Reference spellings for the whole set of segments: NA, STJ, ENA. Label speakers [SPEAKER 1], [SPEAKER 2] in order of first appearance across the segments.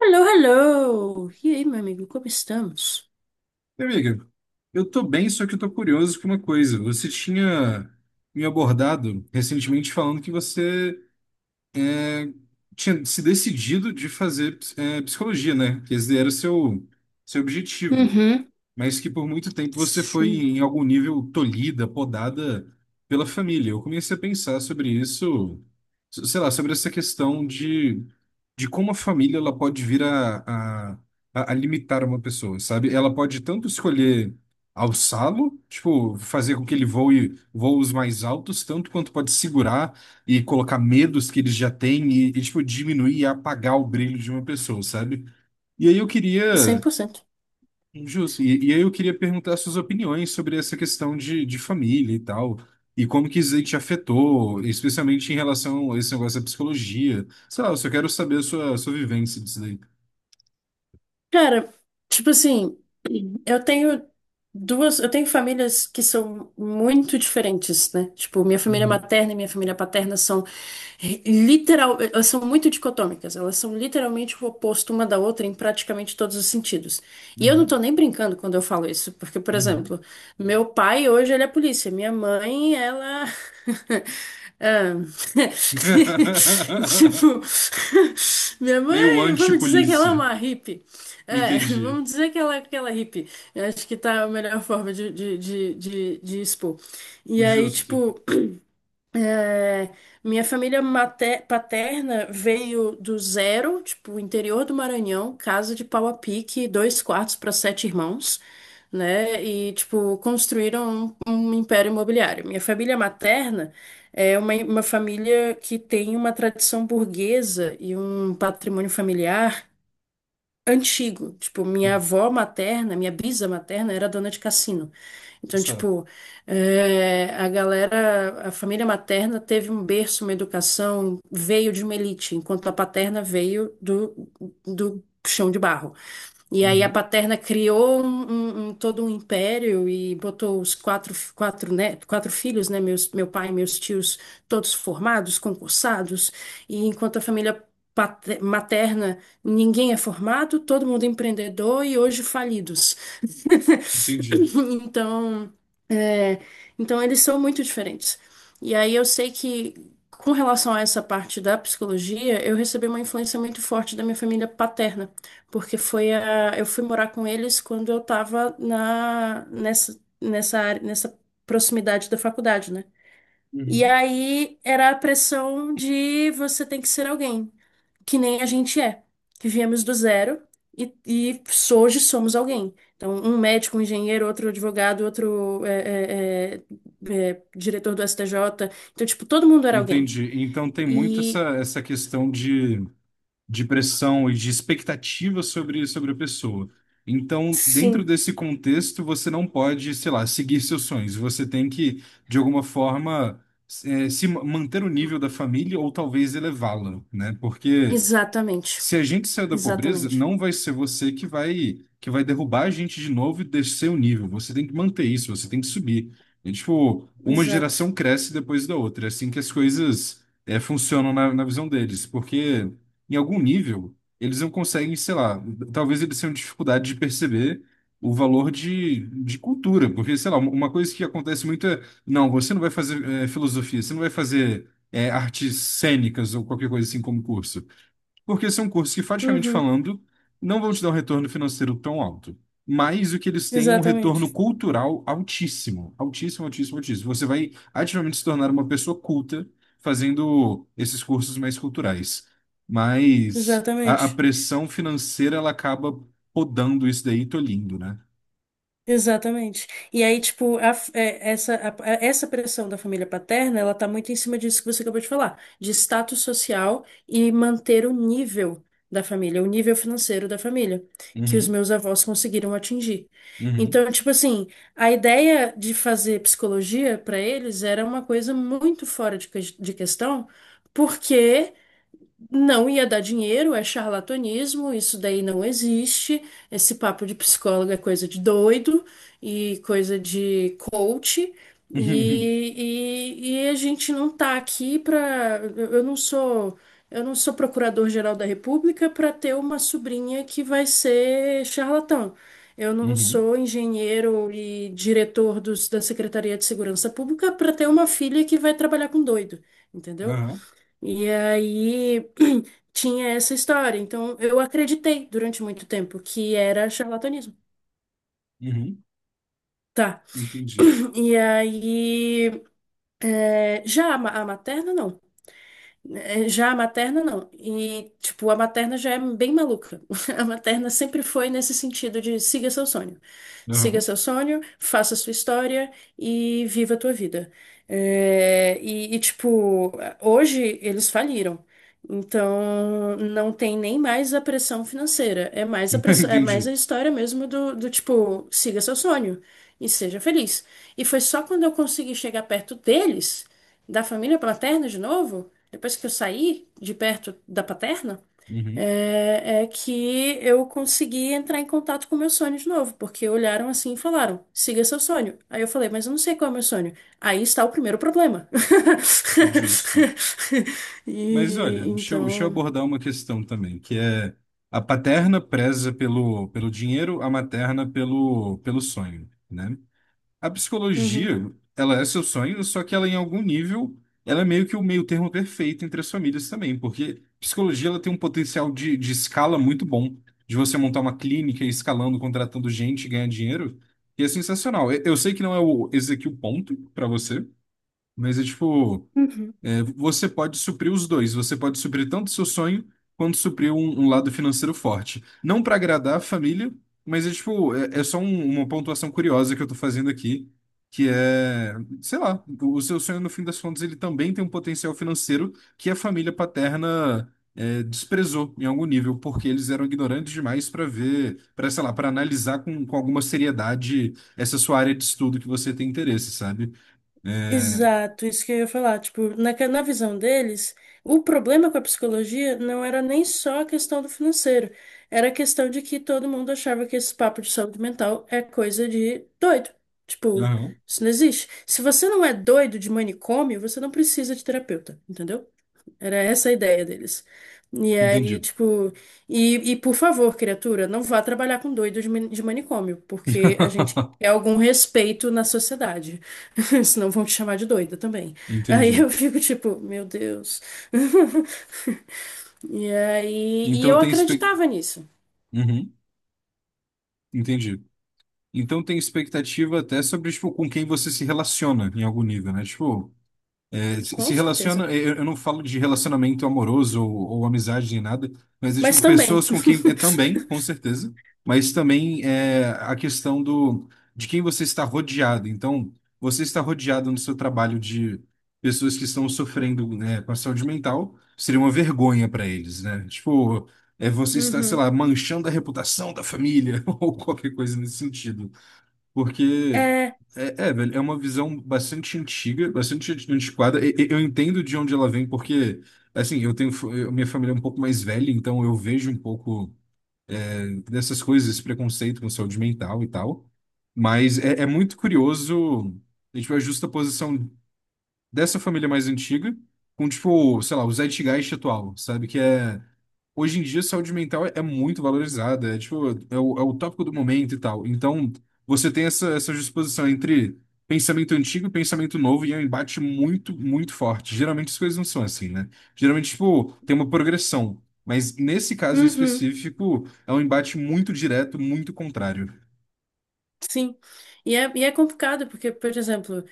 [SPEAKER 1] Hello, hello! E aí, meu amigo, como estamos?
[SPEAKER 2] Minha Amiga, eu tô bem, só que eu tô curioso com uma coisa. Você tinha me abordado recentemente falando que você é, tinha se decidido de fazer psicologia, né? Que esse era o seu objetivo,
[SPEAKER 1] Uhum,
[SPEAKER 2] mas que por muito tempo você foi,
[SPEAKER 1] sim.
[SPEAKER 2] em algum nível, tolhida, podada pela família. Eu comecei a pensar sobre isso, sei lá, sobre essa questão de como a família ela pode vir a, a limitar uma pessoa, sabe? Ela pode tanto escolher alçá-lo, tipo, fazer com que ele voe voos mais altos, tanto quanto pode segurar e colocar medos que ele já tem e tipo, diminuir e apagar o brilho de uma pessoa, sabe? E aí eu
[SPEAKER 1] cem
[SPEAKER 2] queria.
[SPEAKER 1] por cento.
[SPEAKER 2] Justo. E aí eu queria perguntar suas opiniões sobre essa questão de família e tal, e como que isso aí te afetou, especialmente em relação a esse negócio da psicologia. Sei lá, eu só quero saber a sua vivência disso daí.
[SPEAKER 1] Cara, tipo assim, Eu tenho eu tenho famílias que são muito diferentes, né? Tipo, minha família
[SPEAKER 2] Uhum,
[SPEAKER 1] materna e minha família paterna elas são muito dicotômicas, elas são literalmente o oposto uma da outra em praticamente todos os sentidos. E eu não
[SPEAKER 2] uhum,
[SPEAKER 1] tô nem brincando quando eu falo isso, porque, por
[SPEAKER 2] uhum.
[SPEAKER 1] exemplo, meu pai hoje ele é polícia, minha mãe, ela Ah, Tipo, minha
[SPEAKER 2] Meio
[SPEAKER 1] mãe, vamos dizer que ela é
[SPEAKER 2] anti-polícia.
[SPEAKER 1] uma hippie. É,
[SPEAKER 2] Entendi.
[SPEAKER 1] vamos dizer que ela é aquela hippie. Eu acho que tá a melhor forma de expor. E aí,
[SPEAKER 2] Justo.
[SPEAKER 1] tipo, é, minha família paterna veio do zero, tipo, interior do Maranhão, casa de pau a pique, dois quartos para sete irmãos, né? E, tipo, construíram um império imobiliário. Minha família materna é uma família que tem uma tradição burguesa e um patrimônio familiar antigo. Tipo, minha avó materna, minha bisa materna era dona de cassino. Então,
[SPEAKER 2] Sabe.
[SPEAKER 1] tipo, a família materna teve um berço, uma educação, veio de uma elite, enquanto a paterna veio do chão de barro. E aí a
[SPEAKER 2] Uhum.
[SPEAKER 1] Paterna criou todo um império e botou os quatro filhos, né, meu pai e meus tios, todos formados, concursados, e enquanto a família materna, ninguém é formado, todo mundo é empreendedor e hoje falidos.
[SPEAKER 2] Entendi.
[SPEAKER 1] Então, é, então eles são muito diferentes. E aí eu sei que com relação a essa parte da psicologia, eu recebi uma influência muito forte da minha família paterna, porque eu fui morar com eles quando eu estava na nessa nessa área, nessa proximidade da faculdade, né? E
[SPEAKER 2] Uhum.
[SPEAKER 1] aí era a pressão de você tem que ser alguém, que nem a gente é, que viemos do zero e hoje somos alguém. Então, um médico, um engenheiro, outro advogado, outro é diretor do STJ. Então, tipo, todo mundo era alguém.
[SPEAKER 2] Entendi. Então tem muito essa,
[SPEAKER 1] E
[SPEAKER 2] essa questão de pressão e de expectativa sobre, sobre a pessoa. Então, dentro
[SPEAKER 1] sim,
[SPEAKER 2] desse contexto, você não pode, sei lá, seguir seus sonhos. Você tem que, de alguma forma, se manter o nível da família ou talvez elevá-lo, né? Porque
[SPEAKER 1] exatamente,
[SPEAKER 2] se a gente sair da pobreza,
[SPEAKER 1] exatamente,
[SPEAKER 2] não vai ser você que vai derrubar a gente de novo e descer o nível. Você tem que manter isso, você tem que subir. É tipo, uma
[SPEAKER 1] exato.
[SPEAKER 2] geração cresce depois da outra. É assim que as coisas funcionam na visão deles. Porque em algum nível, eles não conseguem, sei lá, talvez eles tenham dificuldade de perceber o valor de cultura. Porque, sei lá, uma coisa que acontece muito é, não, você não vai fazer filosofia, você não vai fazer artes cênicas ou qualquer coisa assim como curso porque são cursos que, praticamente
[SPEAKER 1] Uhum,
[SPEAKER 2] falando, não vão te dar um retorno financeiro tão alto, mas o que eles têm é um retorno
[SPEAKER 1] exatamente,
[SPEAKER 2] cultural altíssimo, altíssimo, altíssimo, altíssimo. Você vai ativamente se tornar uma pessoa culta fazendo esses cursos mais culturais, mas a
[SPEAKER 1] exatamente.
[SPEAKER 2] pressão financeira ela acaba podando isso daí, e tolhindo, né?
[SPEAKER 1] Exatamente. E aí, tipo, a f- é, essa, a- essa pressão da família paterna, ela tá muito em cima disso que você acabou de falar, de status social e manter o nível da família, o nível financeiro da família, que os
[SPEAKER 2] Uhum,
[SPEAKER 1] meus avós conseguiram atingir.
[SPEAKER 2] uhum,
[SPEAKER 1] Então, tipo assim, a ideia de fazer psicologia para eles era uma coisa muito fora de questão, porque não ia dar dinheiro, é charlatanismo, isso daí não existe. Esse papo de psicólogo é coisa de doido e coisa de coach.
[SPEAKER 2] uhum,
[SPEAKER 1] E, e a gente não tá aqui para. Eu não sou procurador-geral da República para ter uma sobrinha que vai ser charlatão. Eu não
[SPEAKER 2] uhum,
[SPEAKER 1] sou engenheiro e diretor da Secretaria de Segurança Pública para ter uma filha que vai trabalhar com doido, entendeu?
[SPEAKER 2] aham,
[SPEAKER 1] E aí tinha essa história. Então, eu acreditei durante muito tempo que era charlatanismo.
[SPEAKER 2] uhum,
[SPEAKER 1] Tá.
[SPEAKER 2] entendi.
[SPEAKER 1] E aí, já a materna, não. É, já a materna, não. E, tipo, a materna já é bem maluca. A materna sempre foi nesse sentido de siga seu sonho. Siga
[SPEAKER 2] Aham,
[SPEAKER 1] seu sonho, faça sua história e viva a tua vida. É, e, e, tipo, Hoje eles faliram. Então, não tem nem mais a pressão financeira. É mais a pressão, é mais a
[SPEAKER 2] entendi.
[SPEAKER 1] história mesmo do tipo, siga seu sonho e seja feliz. E foi só quando eu consegui chegar perto deles, da família paterna de novo depois que eu saí de perto da paterna,
[SPEAKER 2] Uhum,
[SPEAKER 1] é que eu consegui entrar em contato com o meu sonho de novo, porque olharam assim e falaram: siga seu sonho. Aí eu falei: mas eu não sei qual é o meu sonho. Aí está o primeiro problema.
[SPEAKER 2] justo. Mas
[SPEAKER 1] E
[SPEAKER 2] olha, deixa eu
[SPEAKER 1] então.
[SPEAKER 2] abordar uma questão também, que é a paterna preza pelo, pelo dinheiro, a materna pelo, pelo sonho, né? A
[SPEAKER 1] Uhum,
[SPEAKER 2] psicologia, ela é seu sonho, só que ela em algum nível, ela é meio que o meio termo perfeito entre as famílias também, porque psicologia ela tem um potencial de escala muito bom, de você montar uma clínica e escalando, contratando gente, ganhar dinheiro, e é sensacional. Eu sei que não é o, esse aqui o ponto para você, mas é tipo
[SPEAKER 1] uhum.
[SPEAKER 2] você pode suprir os dois. Você pode suprir tanto o seu sonho quanto suprir um, um lado financeiro forte. Não para agradar a família, mas é tipo, é, é só uma pontuação curiosa que eu tô fazendo aqui, que é, sei lá, o seu sonho no fim das contas ele também tem um potencial financeiro que a família paterna desprezou em algum nível, porque eles eram ignorantes demais para ver, para sei lá, para analisar com alguma seriedade essa sua área de estudo que você tem interesse, sabe? É...
[SPEAKER 1] Exato, isso que eu ia falar. Tipo, na visão deles, o problema com a psicologia não era nem só a questão do financeiro, era a questão de que todo mundo achava que esse papo de saúde mental é coisa de doido. Tipo,
[SPEAKER 2] aham.
[SPEAKER 1] isso não existe. Se você não é doido de manicômio, você não precisa de terapeuta, entendeu? Era essa a ideia deles. E aí,
[SPEAKER 2] Entendi.
[SPEAKER 1] tipo, e por favor, criatura, não vá trabalhar com doidos de manicômio, porque a gente quer algum respeito na sociedade. Senão vão te chamar de doida também. Aí
[SPEAKER 2] Entendi.
[SPEAKER 1] eu fico tipo, meu Deus. E aí, e
[SPEAKER 2] Então
[SPEAKER 1] eu
[SPEAKER 2] tem expec...
[SPEAKER 1] acreditava nisso,
[SPEAKER 2] Uhum, entendi. Então tem expectativa até sobre, tipo, com quem você se relaciona em algum nível, né? Tipo, é,
[SPEAKER 1] com
[SPEAKER 2] se relaciona,
[SPEAKER 1] certeza.
[SPEAKER 2] eu não falo de relacionamento amoroso ou amizade nem nada, mas é
[SPEAKER 1] Mas
[SPEAKER 2] tipo
[SPEAKER 1] também.
[SPEAKER 2] pessoas com quem é também, com certeza, mas também é a questão do de quem você está rodeado. Então, você está rodeado no seu trabalho de pessoas que estão sofrendo, né, com a saúde mental, seria uma vergonha para eles, né? Tipo, é você está, sei
[SPEAKER 1] Uhum.
[SPEAKER 2] lá, manchando a reputação da família ou qualquer coisa nesse sentido. Porque
[SPEAKER 1] É,
[SPEAKER 2] é, é, velho, é uma visão bastante antiga, bastante antiquada. Eu entendo de onde ela vem, porque, assim, eu tenho minha família é um pouco mais velha, então eu vejo um pouco dessas coisas, esse preconceito com saúde mental e tal. Mas é, é muito curioso, a gente vê a justa dessa família mais antiga, com, tipo, sei lá, o Zeitgeist atual, sabe? Que é. Hoje em dia, saúde mental é muito valorizada, é, tipo, é o tópico do momento e tal. Então, você tem essa disposição entre pensamento antigo e pensamento novo, e é um embate muito, muito forte. Geralmente as coisas não são assim, né? Geralmente, tipo, tem uma progressão. Mas nesse caso em
[SPEAKER 1] uhum,
[SPEAKER 2] específico, é um embate muito direto, muito contrário.
[SPEAKER 1] sim. E é complicado, porque, por exemplo.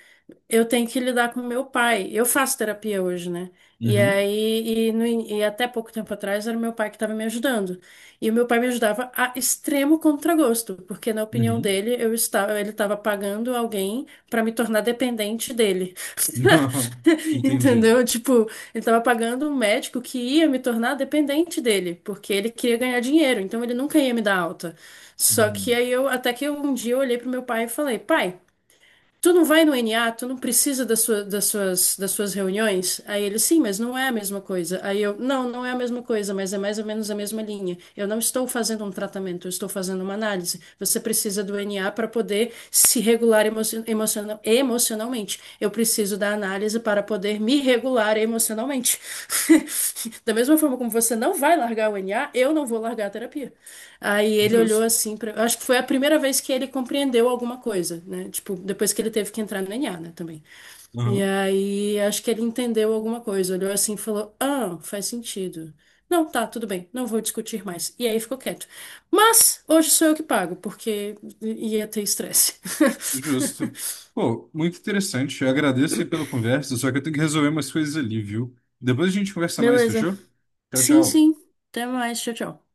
[SPEAKER 1] Eu tenho que lidar com meu pai. Eu faço terapia hoje, né? E
[SPEAKER 2] Uhum,
[SPEAKER 1] aí, e, no in- e até pouco tempo atrás, era meu pai que estava me ajudando. E o meu pai me ajudava a extremo contragosto, porque na opinião
[SPEAKER 2] uhum.
[SPEAKER 1] dele, ele estava pagando alguém para me tornar dependente dele.
[SPEAKER 2] Não, entendi.
[SPEAKER 1] Entendeu? Tipo, ele estava pagando um médico que ia me tornar dependente dele, porque ele queria ganhar dinheiro, então ele nunca ia me dar alta. Só que
[SPEAKER 2] Uhum.
[SPEAKER 1] aí eu, até que um dia eu olhei pro meu pai e falei, pai. Tu não vai no NA, tu não precisa das suas reuniões? Aí ele, sim, mas não é a mesma coisa. Aí eu, não, não é a mesma coisa, mas é mais ou menos a mesma linha. Eu não estou fazendo um tratamento, eu estou fazendo uma análise. Você precisa do NA para poder se regular emocionalmente. Eu preciso da análise para poder me regular emocionalmente. Da mesma forma como você não vai largar o NA, eu não vou largar a terapia. Aí ele olhou
[SPEAKER 2] Justo.
[SPEAKER 1] assim pra, eu acho que foi a primeira vez que ele compreendeu alguma coisa, né? Tipo, depois que ele teve que entrar no ENA, né, também. E
[SPEAKER 2] Aham.
[SPEAKER 1] aí acho que ele entendeu alguma coisa, olhou assim e falou: "Ah, faz sentido. Não, tá, tudo bem, não vou discutir mais". E aí ficou quieto. Mas hoje sou eu que pago, porque ia ter estresse.
[SPEAKER 2] Justo. Pô, muito interessante. Eu agradeço aí pela conversa, só que eu tenho que resolver umas coisas ali, viu? Depois a gente conversa mais,
[SPEAKER 1] Beleza.
[SPEAKER 2] fechou? Tchau,
[SPEAKER 1] Sim, sim.
[SPEAKER 2] tchau.
[SPEAKER 1] Até mais. Tchau, tchau.